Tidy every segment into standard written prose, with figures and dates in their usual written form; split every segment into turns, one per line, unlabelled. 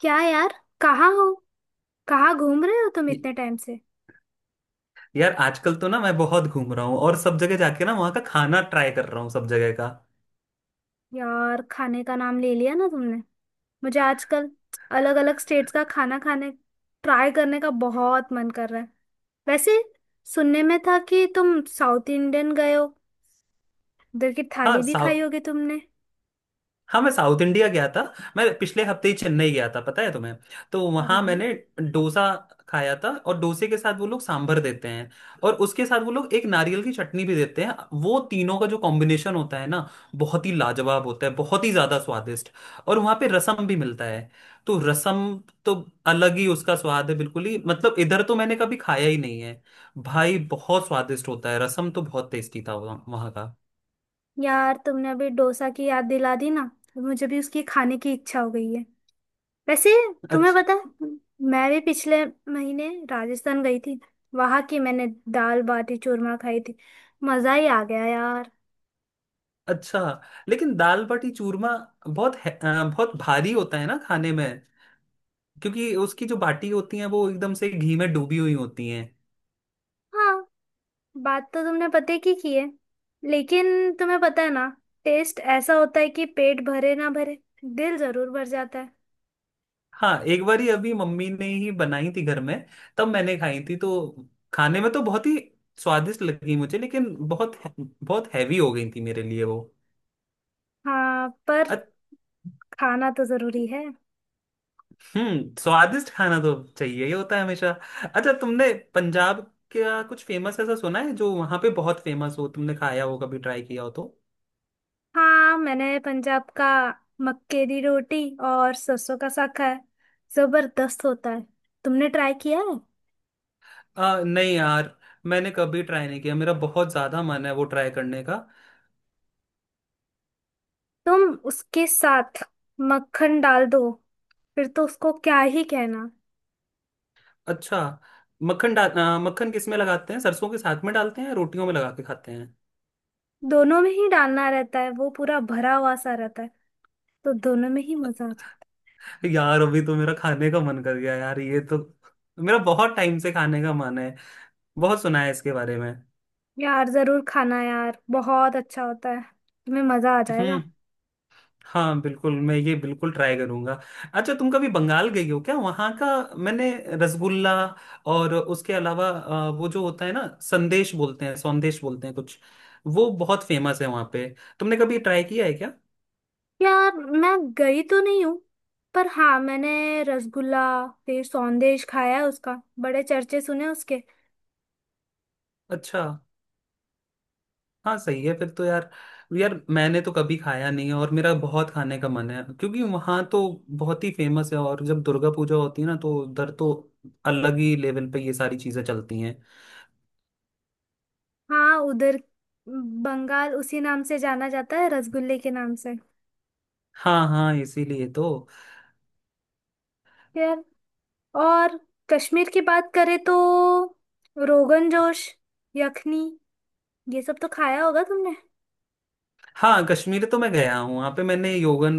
क्या यार, कहाँ हो। कहाँ घूम रहे हो तुम
य-
इतने टाइम से।
यार आजकल तो ना मैं बहुत घूम रहा हूँ, और सब जगह जाके ना वहाँ का खाना ट्राई कर रहा हूँ सब जगह का।
यार, खाने का नाम ले लिया ना तुमने। मुझे आजकल अलग अलग स्टेट्स का खाना खाने, ट्राई करने का बहुत मन कर रहा है। वैसे, सुनने में था कि तुम साउथ इंडियन गए हो। उधर की
हाँ,
थाली भी खाई होगी तुमने।
हाँ, मैं साउथ इंडिया गया था। मैं पिछले हफ्ते ही चेन्नई गया था, पता है तुम्हें। तो
अरे
वहां
वाह।
मैंने डोसा खाया था, और डोसे के साथ वो लोग सांभर देते हैं, और उसके साथ वो लोग एक नारियल की चटनी भी देते हैं। वो तीनों का जो कॉम्बिनेशन होता है ना, बहुत ही लाजवाब होता है, बहुत ही ज्यादा स्वादिष्ट। और वहां पे रसम भी मिलता है। तो रसम तो अलग ही उसका स्वाद है, बिल्कुल ही, मतलब इधर तो मैंने कभी खाया ही नहीं है। भाई बहुत स्वादिष्ट होता है रसम तो, बहुत टेस्टी था वहाँ वहाँ का।
यार, तुमने अभी डोसा की याद दिला दी ना, तो मुझे भी उसकी खाने की इच्छा हो गई है। वैसे, तुम्हें
अच्छा।
पता है, मैं भी पिछले महीने राजस्थान गई थी। वहां की मैंने दाल बाटी चूरमा खाई थी। मजा ही आ गया यार।
अच्छा, लेकिन दाल बाटी चूरमा बहुत भारी होता है ना खाने में। क्योंकि उसकी जो बाटी होती है वो एकदम से घी में डूबी हुई होती हैं।
हाँ, बात तो तुमने पते की है। लेकिन तुम्हें पता है ना, टेस्ट ऐसा होता है कि पेट भरे ना भरे, दिल जरूर भर जाता है।
हाँ, एक बारी अभी मम्मी ने ही बनाई थी घर में। तब मैंने खाई थी, तो खाने में तो बहुत ही स्वादिष्ट लगी मुझे, लेकिन बहुत बहुत हैवी हो गई थी मेरे लिए वो।
हाँ, पर
अच-
खाना तो जरूरी है।
हम्म, स्वादिष्ट खाना तो चाहिए, ये होता है हमेशा। अच्छा, तुमने पंजाब का कुछ फेमस ऐसा सुना है, जो वहां पे बहुत फेमस हो, तुमने खाया हो, कभी ट्राई किया हो तो?
हाँ, मैंने पंजाब का मक्के की रोटी और सरसों का साग खाया है। जबरदस्त होता है। तुमने ट्राई किया है?
नहीं यार, मैंने कभी ट्राई नहीं किया, मेरा बहुत ज्यादा मन है वो ट्राई करने का।
तुम उसके साथ मक्खन डाल दो, फिर तो उसको क्या ही कहना।
अच्छा, मक्खन किस में लगाते हैं? सरसों के साथ में डालते हैं, या रोटियों में लगा के खाते हैं?
दोनों में ही डालना रहता है, वो पूरा भरा हुआ सा रहता है। तो दोनों में ही मजा आ जाता
यार अभी तो मेरा खाने का मन कर गया यार, ये तो मेरा बहुत टाइम से खाने का मन है, बहुत सुना है इसके बारे में।
है। यार जरूर खाना, यार बहुत अच्छा होता है। तुम्हें मजा आ जाएगा।
हम्म। हाँ, बिल्कुल मैं ये बिल्कुल ट्राई करूंगा। अच्छा, तुम कभी बंगाल गई हो क्या? वहाँ का मैंने रसगुल्ला और उसके अलावा वो जो होता है ना, संदेश बोलते हैं, सौंदेश बोलते हैं कुछ, वो बहुत फेमस है वहाँ पे। तुमने कभी ट्राई किया है क्या?
यार मैं गई तो नहीं हूँ, पर हाँ, मैंने रसगुल्ला फिर सौंदेश खाया है। उसका बड़े चर्चे सुने उसके।
अच्छा, हाँ सही है फिर तो यार। यार मैंने तो कभी खाया नहीं है, और मेरा बहुत खाने का मन है, क्योंकि वहाँ तो बहुत ही फेमस है। और जब दुर्गा पूजा होती है ना, तो उधर तो अलग ही लेवल पे ये सारी चीजें चलती हैं।
हाँ, उधर बंगाल उसी नाम से जाना जाता है, रसगुल्ले के नाम से।
हाँ हाँ, इसीलिए तो।
यार, और कश्मीर की बात करें तो रोगन जोश, यखनी, ये सब तो खाया होगा तुमने।
हाँ, कश्मीर तो मैं गया हूँ, वहां पे मैंने योगन,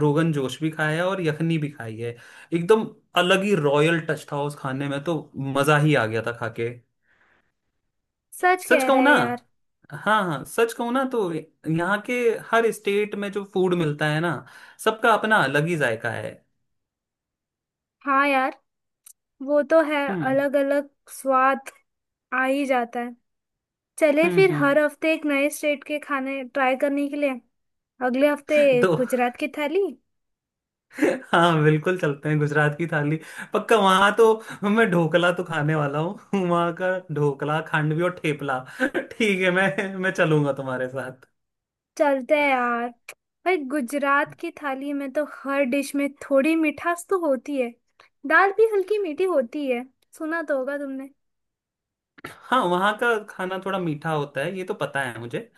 रोगन जोश भी खाया है, और यखनी भी खाई है। एकदम अलग ही रॉयल टच था उस खाने में तो, मजा ही आ गया था खा के।
सच
सच
कह रहा
कहूँ
है
ना,
यार।
हाँ हाँ, सच कहूँ ना तो यहाँ के हर स्टेट में जो फूड मिलता है ना, सबका अपना अलग ही जायका है।
हाँ यार, वो तो है।
हम्म।
अलग अलग स्वाद आ ही जाता है। चले फिर
हम्म।
हर हफ्ते एक नए स्टेट के खाने ट्राई करने के लिए। अगले हफ्ते
तो
गुजरात की थाली।
हाँ बिल्कुल, चलते हैं गुजरात की थाली। पक्का वहां तो मैं ढोकला तो खाने वाला हूँ वहां का। ढोकला, खांडवी और ठेपला। ठीक है, मैं चलूंगा तुम्हारे साथ।
चलते हैं यार। भाई, गुजरात की थाली में तो हर डिश में थोड़ी मिठास तो होती है। दाल भी हल्की मीठी होती है। सुना तो होगा तुमने।
हाँ, वहाँ का खाना थोड़ा मीठा होता है, ये तो पता है मुझे।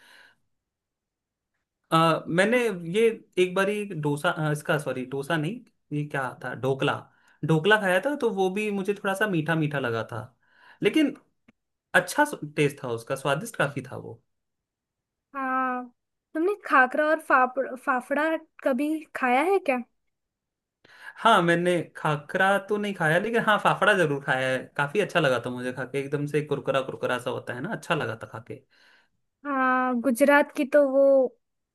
मैंने ये एक बारी डोसा, इसका, सॉरी डोसा नहीं, ये क्या था, ढोकला। ढोकला खाया था, तो वो भी मुझे थोड़ा सा मीठा मीठा लगा था, लेकिन अच्छा टेस्ट था उसका, स्वादिष्ट काफी था वो।
हाँ, तुमने खाकरा और फाफड़, फाफड़ा कभी खाया है क्या?
हाँ, मैंने खाकरा तो नहीं खाया, लेकिन हाँ, फाफड़ा जरूर खाया है, काफी अच्छा लगा था मुझे खाके, एकदम से कुरकुरा कुरकुरा सा होता है ना, अच्छा लगा था खाके।
हाँ, गुजरात की तो वो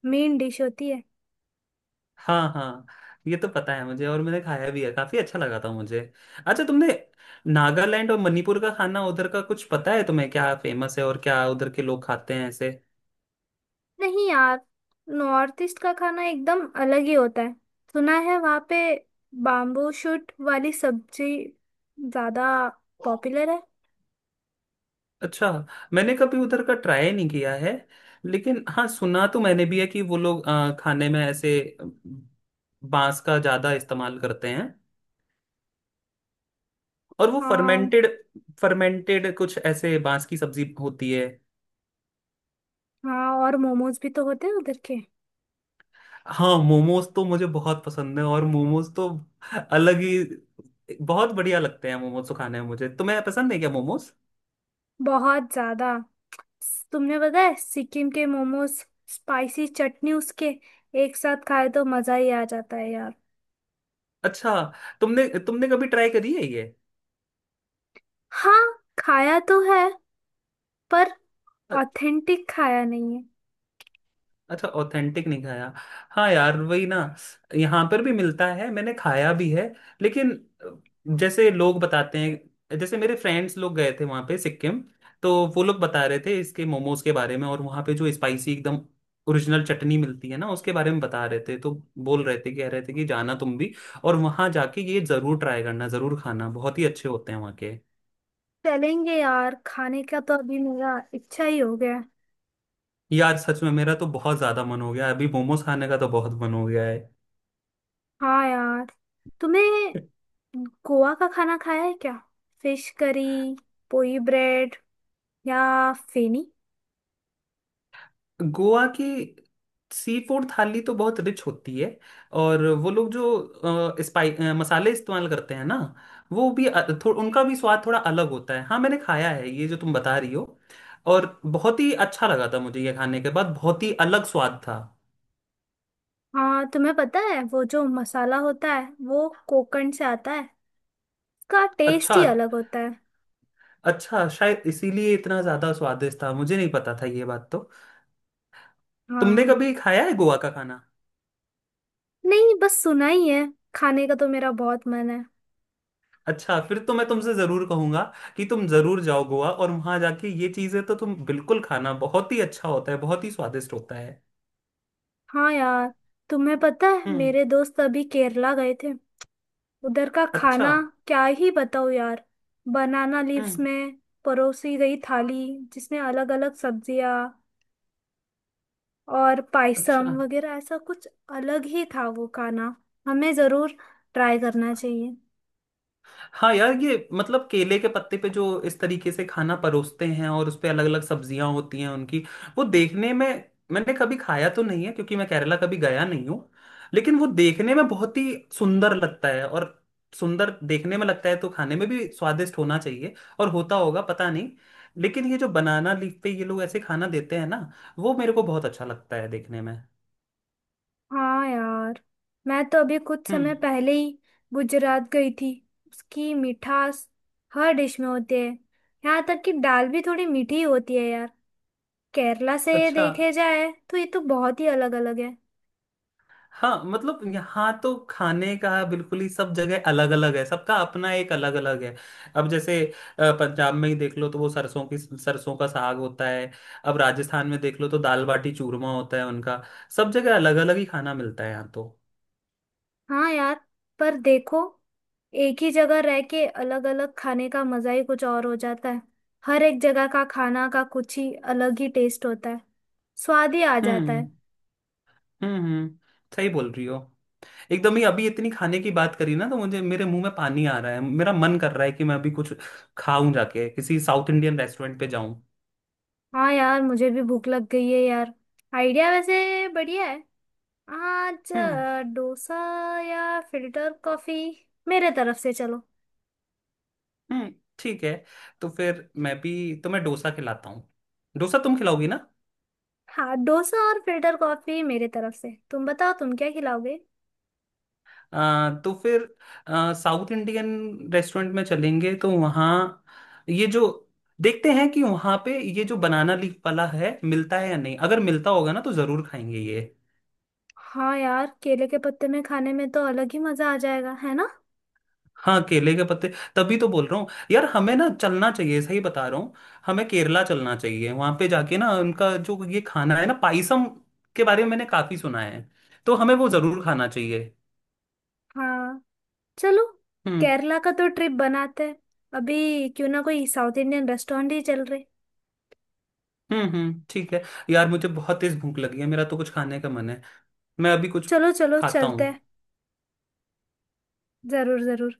मेन डिश होती है।
हाँ हाँ, ये तो पता है मुझे, और मैंने खाया भी है, काफी अच्छा लगा था मुझे। अच्छा, तुमने नागालैंड और मणिपुर का खाना, उधर का कुछ पता है तुम्हें, क्या फेमस है और क्या उधर के लोग खाते हैं ऐसे?
नहीं यार, नॉर्थ ईस्ट का खाना एकदम अलग ही होता है। सुना है वहाँ पे बाम्बू शूट वाली सब्जी ज्यादा पॉपुलर है।
अच्छा, मैंने कभी उधर का ट्राई नहीं किया है। लेकिन हाँ, सुना तो मैंने भी है कि वो लोग खाने में ऐसे बांस का ज्यादा इस्तेमाल करते हैं। और वो
हाँ
फर्मेंटेड फर्मेंटेड कुछ ऐसे बांस की सब्जी होती है।
हाँ, और मोमोज भी तो होते हैं उधर के।
हाँ, मोमोज तो मुझे बहुत पसंद है, और मोमोज तो अलग ही बहुत बढ़िया लगते हैं मोमोज तो खाने में मुझे। तुम्हें पसंद है क्या मोमोज?
बहुत ज्यादा। तुमने, पता है, सिक्किम के मोमोज स्पाइसी चटनी उसके एक साथ खाए तो मजा ही आ जाता है यार।
अच्छा, तुमने तुमने कभी ट्राई करी है ये?
हाँ, खाया तो है पर ऑथेंटिक खाया नहीं है।
अच्छा, ऑथेंटिक नहीं खाया। हाँ यार, वही ना, यहाँ पर भी मिलता है, मैंने खाया भी है। लेकिन जैसे लोग बताते हैं, जैसे मेरे फ्रेंड्स लोग गए थे वहाँ पे सिक्किम, तो वो लोग बता रहे थे इसके मोमोज के बारे में, और वहाँ पे जो स्पाइसी एकदम ओरिजिनल चटनी मिलती है ना, उसके बारे में बता रहे थे। तो बोल रहे थे, कह रहे थे कि जाना तुम भी, और वहाँ जाके ये जरूर ट्राई करना, जरूर खाना, बहुत ही अच्छे होते हैं वहाँ के।
चलेंगे यार, खाने का तो अभी मेरा इच्छा ही हो गया है।
यार सच में मेरा तो बहुत ज्यादा मन हो गया, अभी मोमोज खाने का तो बहुत मन हो गया है।
हाँ यार, तुम्हें गोवा का खाना खाया है क्या? फिश करी, पोई ब्रेड या फेनी।
गोवा की सी फूड थाली तो बहुत रिच होती है। और वो लोग जो मसाले इस्तेमाल करते हैं ना, वो भी, उनका भी स्वाद थोड़ा अलग होता है। हाँ, मैंने खाया है ये जो तुम बता रही हो, और बहुत ही अच्छा लगा था मुझे ये खाने के बाद, बहुत ही अलग स्वाद था।
हाँ, तुम्हें पता है वो जो मसाला होता है वो कोकण से आता है। उसका टेस्ट
अच्छा,
ही अलग होता है।
अच्छा, शायद इसीलिए इतना ज़्यादा स्वादिष्ट था, मुझे नहीं पता था ये बात तो। तुमने
हाँ।
कभी खाया है गोवा का खाना?
नहीं, बस सुना ही है। खाने का तो मेरा बहुत मन है।
अच्छा, फिर तो मैं तुमसे जरूर कहूंगा कि तुम जरूर जाओ गोवा, और वहां जाके ये चीजें तो तुम बिल्कुल खाना, बहुत ही अच्छा होता है, बहुत ही स्वादिष्ट होता है।
हाँ यार, तुम्हें पता है,
हम्म।
मेरे दोस्त अभी केरला गए थे। उधर का
अच्छा।
खाना क्या ही बताओ यार। बनाना लीव्स
हम्म।
में परोसी गई थाली, जिसमें अलग अलग सब्जियां और पायसम
अच्छा,
वगैरह ऐसा कुछ। अलग ही था वो खाना। हमें जरूर ट्राई करना चाहिए।
हाँ यार, ये मतलब केले के पत्ते पे जो इस तरीके से खाना परोसते हैं, और उस पे अलग अलग सब्जियां होती हैं उनकी, वो देखने में, मैंने कभी खाया तो नहीं है, क्योंकि मैं केरला कभी गया नहीं हूँ। लेकिन वो देखने में बहुत ही सुंदर लगता है, और सुंदर देखने में लगता है, तो खाने में भी स्वादिष्ट होना चाहिए, और होता होगा, पता नहीं। लेकिन ये जो बनाना लीफ पे ये लोग ऐसे खाना देते हैं ना, वो मेरे को बहुत अच्छा लगता है देखने में।
हाँ यार, मैं तो अभी कुछ
हम्म।
समय पहले ही गुजरात गई थी। उसकी मिठास हर डिश में होती है। यहाँ तक कि दाल भी थोड़ी मीठी होती है यार। केरला से ये
अच्छा,
देखे जाए तो ये तो बहुत ही अलग अलग है।
हाँ, मतलब यहाँ तो खाने का बिल्कुल ही सब जगह अलग अलग है, सबका अपना एक अलग अलग है। अब जैसे पंजाब में ही देख लो, तो वो सरसों की, सरसों का साग होता है। अब राजस्थान में देख लो, तो दाल बाटी चूरमा होता है उनका। सब जगह अलग अलग ही खाना मिलता है यहाँ तो।
हाँ यार, पर देखो, एक ही जगह रह के अलग अलग खाने का मजा ही कुछ और हो जाता है। हर एक जगह का खाना का कुछ ही अलग ही टेस्ट होता है। स्वाद ही आ जाता है।
हम्म। हम्म, सही बोल रही हो एकदम ही। अभी इतनी खाने की बात करी ना, तो मुझे, मेरे मुंह में पानी आ रहा है, मेरा मन कर रहा है कि मैं अभी कुछ खाऊं, जाके किसी साउथ इंडियन रेस्टोरेंट पे जाऊं।
हाँ यार, मुझे भी भूख लग गई है यार। आइडिया वैसे बढ़िया है। आज
हम्म।
डोसा या फिल्टर कॉफी मेरे तरफ से, चलो।
नहीं, ठीक है, तो फिर मैं भी तुम्हें डोसा खिलाता हूँ। डोसा तुम खिलाओगी ना?
हाँ, डोसा और फिल्टर कॉफी मेरे तरफ से। तुम बताओ तुम क्या खिलाओगे।
आ, तो फिर आ, साउथ इंडियन रेस्टोरेंट में चलेंगे, तो वहाँ ये जो, देखते हैं कि वहाँ पे ये जो बनाना लीफ वाला है मिलता है या नहीं, अगर मिलता होगा ना, तो ज़रूर खाएंगे ये।
हाँ यार, केले के पत्ते में खाने में तो अलग ही मजा आ जाएगा, है ना।
हाँ, केले के पत्ते, तभी तो बोल रहा हूँ यार, हमें ना चलना चाहिए, सही बता रहा हूँ, हमें केरला चलना चाहिए। वहाँ पे जाके ना, उनका जो ये खाना है ना, पाइसम के बारे में मैंने काफ़ी सुना है, तो हमें वो ज़रूर खाना चाहिए।
हाँ, चलो,
हम्म।
केरला का तो ट्रिप बनाते हैं। अभी क्यों ना कोई साउथ इंडियन रेस्टोरेंट ही चल रहे।
हम्म, ठीक है। यार मुझे बहुत तेज भूख लगी है, मेरा तो कुछ खाने का मन है, मैं अभी कुछ
चलो चलो,
खाता
चलते हैं।
हूँ।
जरूर जरूर।